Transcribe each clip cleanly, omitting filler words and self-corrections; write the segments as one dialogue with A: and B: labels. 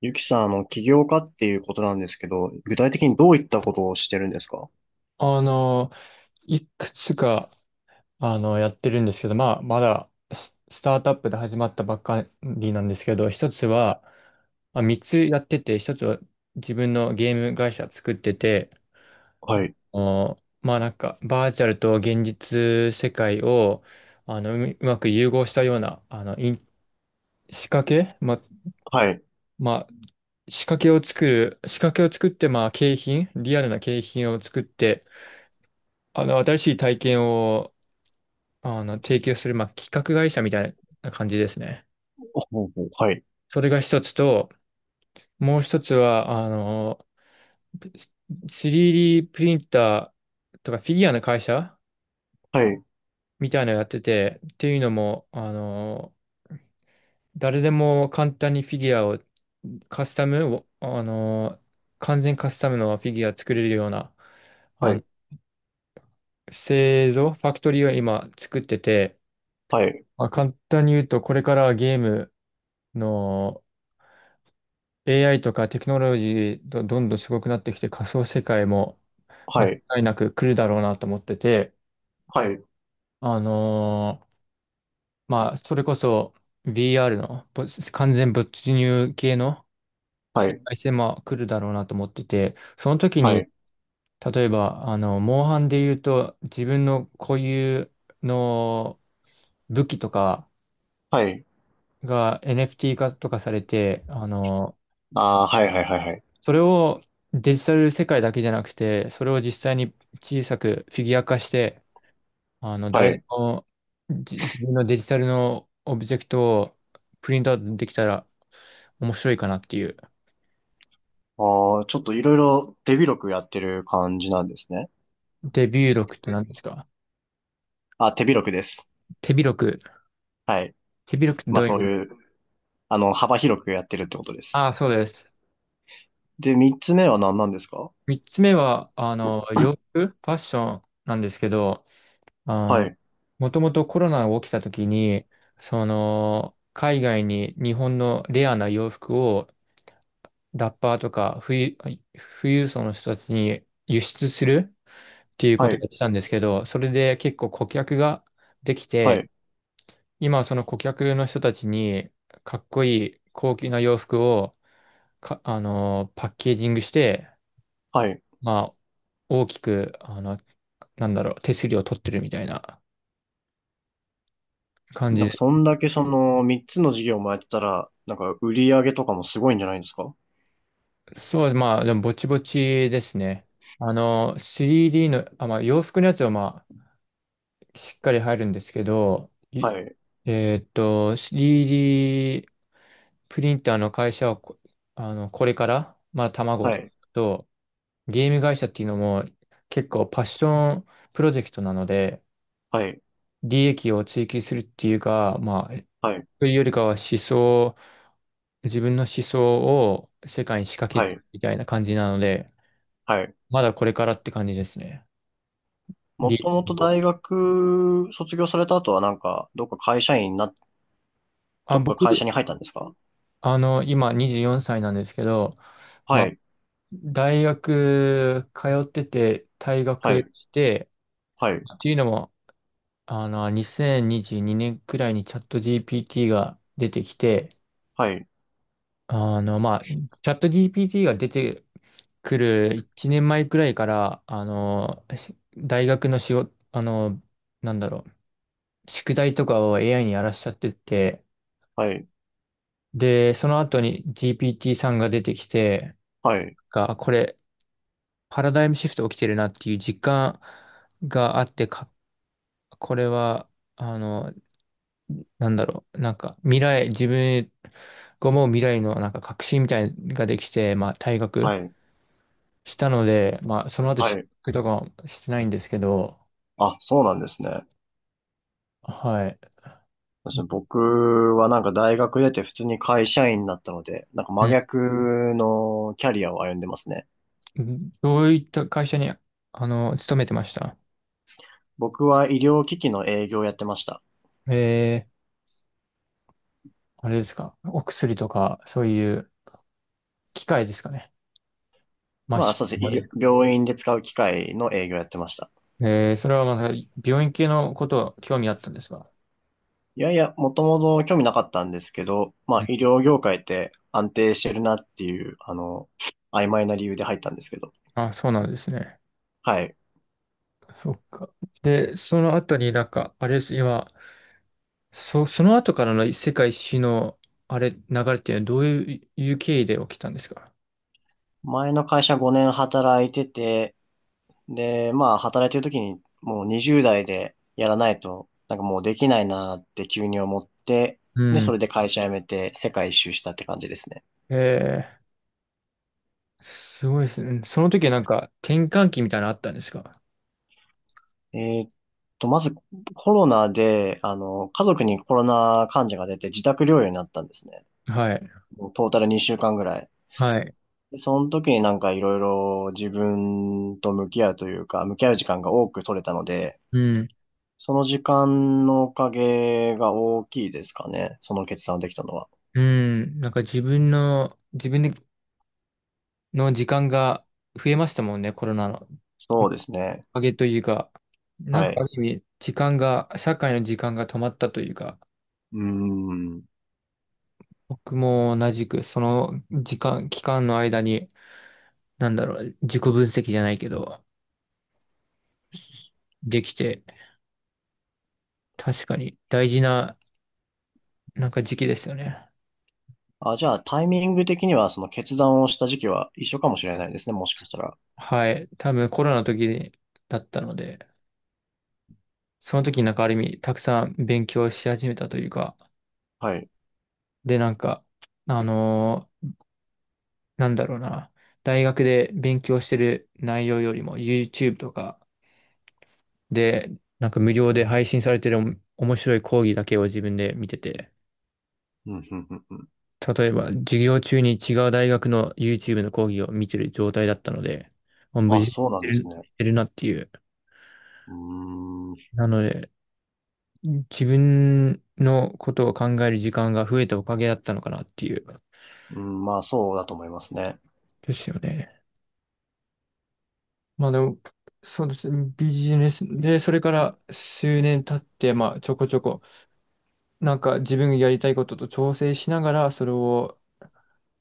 A: ゆきさん、起業家っていうことなんですけど、具体的にどういったことをしてるんですか？
B: あの、いくつか、やってるんですけど、まあ、まだスタートアップで始まったばっかりなんですけど、一つは、まあ、三つやってて、一つは自分のゲーム会社作ってて、あ
A: はい。
B: まあなんか、バーチャルと現実世界を、うまく融合したような、仕掛けま、
A: はい。
B: まあ、仕掛けを作って、まあ、リアルな景品を作って、新しい体験を提供する、まあ、企画会社みたいな感じですね。
A: ほうほう、はい。
B: それが一つと、もう一つは、3D プリンターとかフィギュアの会社
A: はい。
B: みたいなのやってて、っていうのも、誰でも簡単にフィギュアをカスタムを、完全カスタムのフィギュア作れるような、
A: は
B: あの、
A: い。
B: ファクトリーを今作ってて、
A: はい。
B: まあ、簡単に言うと、これからはゲームの、AI とかテクノロジーどんどんすごくなってきて仮想世界も間
A: はい。
B: 違いなく来るだろうなと思ってて、
A: はい。
B: あのーまあ、それこそ VR 完全没入系の
A: は
B: 世
A: い。
B: 界線も来るだろうなと思ってて、その時
A: は
B: に、
A: い。
B: 例えば、モンハンで言うと自分の固有の武器とか
A: はい。
B: が NFT 化とかされて、
A: ああ、はい、はい、はい、はい。
B: それをデジタル世界だけじゃなくて、それを実際に小さくフィギュア化して、
A: は
B: 誰で
A: い。
B: も自分のデジタルのオブジェクトをプリントアウトできたら面白いかなっていう。
A: ああ、ちょっといろいろ手広くやってる感じなんですね。
B: デビュー録って何ですか？
A: あ、手広くです。
B: 手広く。
A: はい。
B: 手広くって
A: ま
B: ど
A: あ、
B: ういう
A: そ
B: 意
A: う
B: 味？
A: いう、幅広くやってるってことです。
B: ああ、そうです。
A: で、三つ目は何なんですか？
B: 三つ目は、ファッションなんですけど、あ
A: は
B: の、
A: い。
B: もともとコロナが起きた時に、その、海外に日本のレアな洋服をラッパーとか富裕層の人たちに輸出するっていうこ
A: は
B: とをや
A: い。
B: ってたんですけど、それで結構顧客ができ
A: は
B: て、
A: い。
B: 今はその顧客の人たちにかっこいい高級な洋服をパッケージングして、
A: はい。
B: まあ、大きく、なんだろう、手すりを取ってるみたいな感じ
A: なんか、
B: で。
A: そんだけその3つの事業もやってたら、なんか、売り上げとかもすごいんじゃないんですか？
B: そうです、まあ、でもぼちぼちですね。3D の、あ、まあ、洋服のやつはまあ、しっかり入るんですけど、
A: はい。
B: 3D プリンターの会社をこれから、まあ、卵
A: はい。
B: と、ゲーム会社っていうのも結構パッションプロジェクトなので、
A: はい。
B: 利益を追求するっていうか、まあ、
A: はい。
B: というよりかは自分の思想を世界に仕掛
A: は
B: ける
A: い。
B: みたいな感じなので、
A: はい。
B: まだこれからって感じですね。
A: も
B: 利
A: と
B: 益
A: もと
B: を。
A: 大学卒業された後はなんか、どっか会社員にな、
B: あ、
A: どっか会社
B: 僕、
A: に入ったんですか？
B: 今24歳なんですけど、
A: は
B: まあ
A: い。
B: 大学通ってて退
A: はい。
B: 学して、
A: はい。
B: っていうのも、2022年くらいにチャット GPT が出てきて、
A: はい。
B: まあ、チャット GPT が出てくる1年前くらいから、大学の仕事、なんだろう、宿題とかを AI にやらしちゃってて、
A: はい。
B: で、その後に GPT さんが出てきて、
A: はい。
B: これ、パラダイムシフト起きてるなっていう実感があって、これは、あの、なんだろう、なんか未来、自分が思う未来のなんか確信みたいなのができて、まあ退学
A: はい。
B: したので、まあその後
A: は
B: 就
A: い。
B: 職とかはしてないんですけど、
A: あ、そうなんですね。
B: はい。
A: 僕はなんか大学出て普通に会社員になったので、なんか真
B: う
A: 逆のキャリアを歩んでますね。
B: ん。どういった会社に、勤めてました？
A: 僕は医療機器の営業をやってました。
B: えー、あれですか？お薬とか、そういう機械ですかね。マ
A: まあ、
B: シ
A: そうです
B: ン。
A: ね。医療病院で使う機械の営業やってました。
B: ええー、それはまた病院系のことは興味あったんですか？
A: いやいや、もともと興味なかったんですけど、ま
B: う
A: あ、
B: ん。
A: 医療業界って安定してるなっていう、曖昧な理由で入ったんですけど。
B: あ、そうなんですね。
A: はい。
B: そっか。で、その後になんか、あれです、今、その後からの世界史の、あれ、流れっていうのはどういう経緯で起きたんですか？
A: 前の会社5年働いてて、で、まあ、働いてる時にもう20代でやらないと、なんかもうできないなって急に思って、
B: う
A: で、そ
B: ん。
A: れで会社辞めて世界一周したって感じですね。
B: ええ、すごいですね。その時はなんか、転換期みたいなのあったんですか？
A: えーっまずコロナで、家族にコロナ患者が出て自宅療養になったんですね。
B: はい。
A: もうトータル2週間ぐらい。
B: はい。
A: でその時になんかいろいろ自分と向き合うというか、向き合う時間が多く取れたので、
B: うん。
A: その時間のおかげが大きいですかね。その決断をできたのは。
B: うん。なんか自分の時間が増えましたもんね、コロナの。
A: そうですね。
B: おかげというか、なん
A: は
B: かあ
A: い。
B: る意味、時間が、社会の時間が止まったというか、
A: うーん。
B: 僕も同じく、その時間、期間の間に、なんだろう、自己分析じゃないけど、できて、確かに大事な、なんか時期ですよね。
A: あ、じゃあタイミング的にはその決断をした時期は一緒かもしれないですね。もしかしたら。
B: はい。多分コロナの時だったので、その時なんかある意味、たくさん勉強し始めたというか、
A: はい。
B: で、なんか、あのーなんだろうな、大学で勉強してる内容よりも、YouTube とかで、なんか無料で配信されてる面白い講義だけを自分で見てて、
A: うん、うん、うん、うん。
B: 例えば、授業中に違う大学の YouTube の講義を見てる状態だったので、もう無
A: あ、
B: 事に
A: そうなんですね。
B: してるなっていう。
A: うーん、う
B: なので、自分のことを考える時間が増えたおかげだったのかなっていう。
A: ん、まあそうだと思いますね。
B: ですよね。まあでも、そうですね。ビジネスで、それから数年経って、まあちょこちょこ、なんか自分がやりたいことと調整しながら、それを、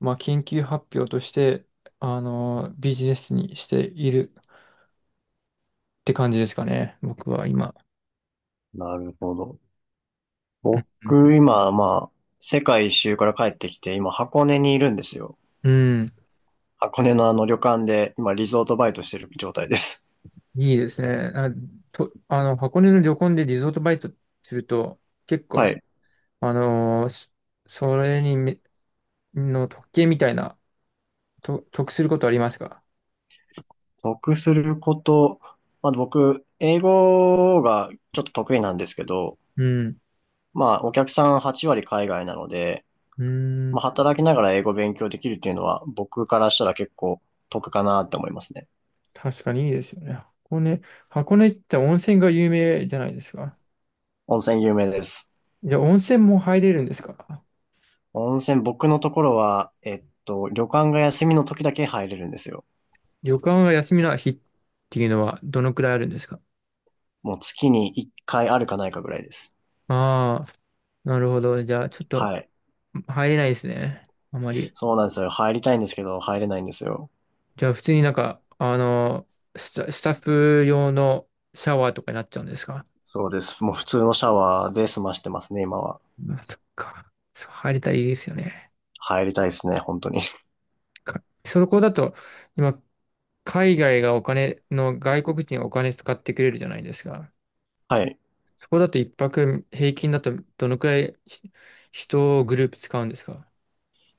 B: まあ研究発表として、ビジネスにしている。って感じですかね。僕は今。
A: なるほど。
B: うん。
A: 僕、今、まあ、世界一周から帰ってきて、今、箱根にいるんですよ。
B: うん。うん。
A: 箱根のあの旅館で、今、リゾートバイトしてる状態です。
B: いいですね。あと、箱根の旅行でリゾートバイトすると、結 構、
A: はい。
B: そそれにめ、の特権みたいな、得することありますか？
A: 得すること、まあ僕、英語がちょっと得意なんですけど、
B: うん。
A: まあ、お客さん8割海外なので、
B: う
A: ま
B: ん。
A: あ、働きながら英語勉強できるっていうのは、僕からしたら結構得かなって思いますね。
B: 確かにいいですよね。箱根って温泉が有名じゃないですか。
A: 温泉有名です。
B: じゃあ温泉も入れるんですか？
A: 温泉、僕のところは、旅館が休みの時だけ入れるんですよ。
B: 旅館が休みの日っていうのはどのくらいあるんですか？
A: もう月に1回あるかないかぐらいです。
B: ああー、なるほど。じゃあちょっと
A: はい。
B: 入れないですね。あまり。
A: そうなんですよ。入りたいんですけど、入れないんですよ。
B: じゃあ普通になんか、スタッフ用のシャワーとかになっちゃうんですか？
A: そうです。もう普通のシャワーで済ましてますね、今は。
B: あ、そっか。そう、入れたらいいですよね。
A: 入りたいですね、本当に。
B: そこだと、今、海外がお金の、外国人がお金使ってくれるじゃないですか。
A: はい。
B: そこだと一泊平均だとどのくらい人をグループ使うんですか？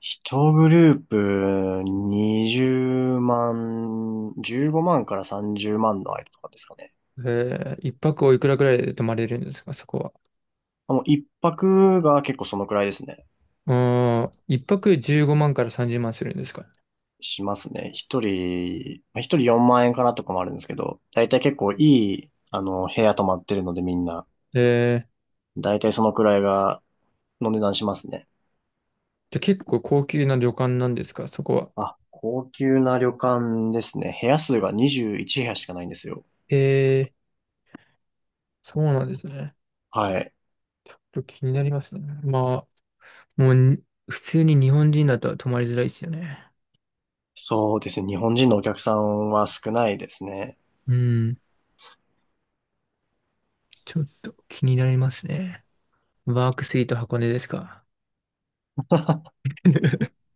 A: 一グループ20万、15万から30万の間とかですかね。
B: えー、一泊おいくらくらいで泊まれるんですか、そこは？
A: もう一泊が結構そのくらいですね。
B: うーん、一泊15万から30万するんですか？
A: しますね。一人、まあ一人4万円かなとかもあるんですけど、だいたい結構いい、部屋泊まってるのでみんな、
B: えー、
A: だいたいそのくらいが、の値段しますね。
B: じゃあ結構高級な旅館なんですか、そこは？
A: あ、高級な旅館ですね。部屋数が21部屋しかないんですよ。
B: ええ、そうなんですね。
A: はい。
B: ちょっと気になりますね。まあ、もうに普通に日本人だと泊まりづらいですよね。
A: そうですね。日本人のお客さんは少ないですね。
B: うん、ちょっと気になりますね。ワークスイート箱根ですか？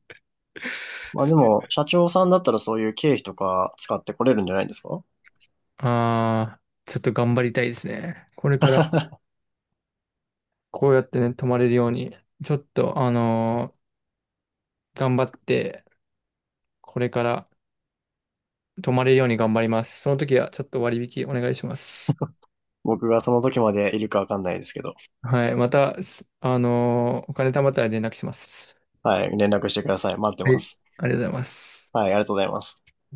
A: まあでも、社長さんだったらそういう経費とか使ってこれるんじゃないですか？
B: ああ、ちょっと頑張りたいですね。これからこうやってね、泊まれるように、ちょっと、頑張って、これから泊まれるように頑張ります。その時はちょっと割引お願いします。
A: 僕がその時までいるかわかんないですけど。
B: はい。また、お金貯まったら連絡します。
A: はい。連絡してください。待って
B: は
A: ま
B: い。
A: す。
B: ありがとうございます。
A: はい。ありがとうございます。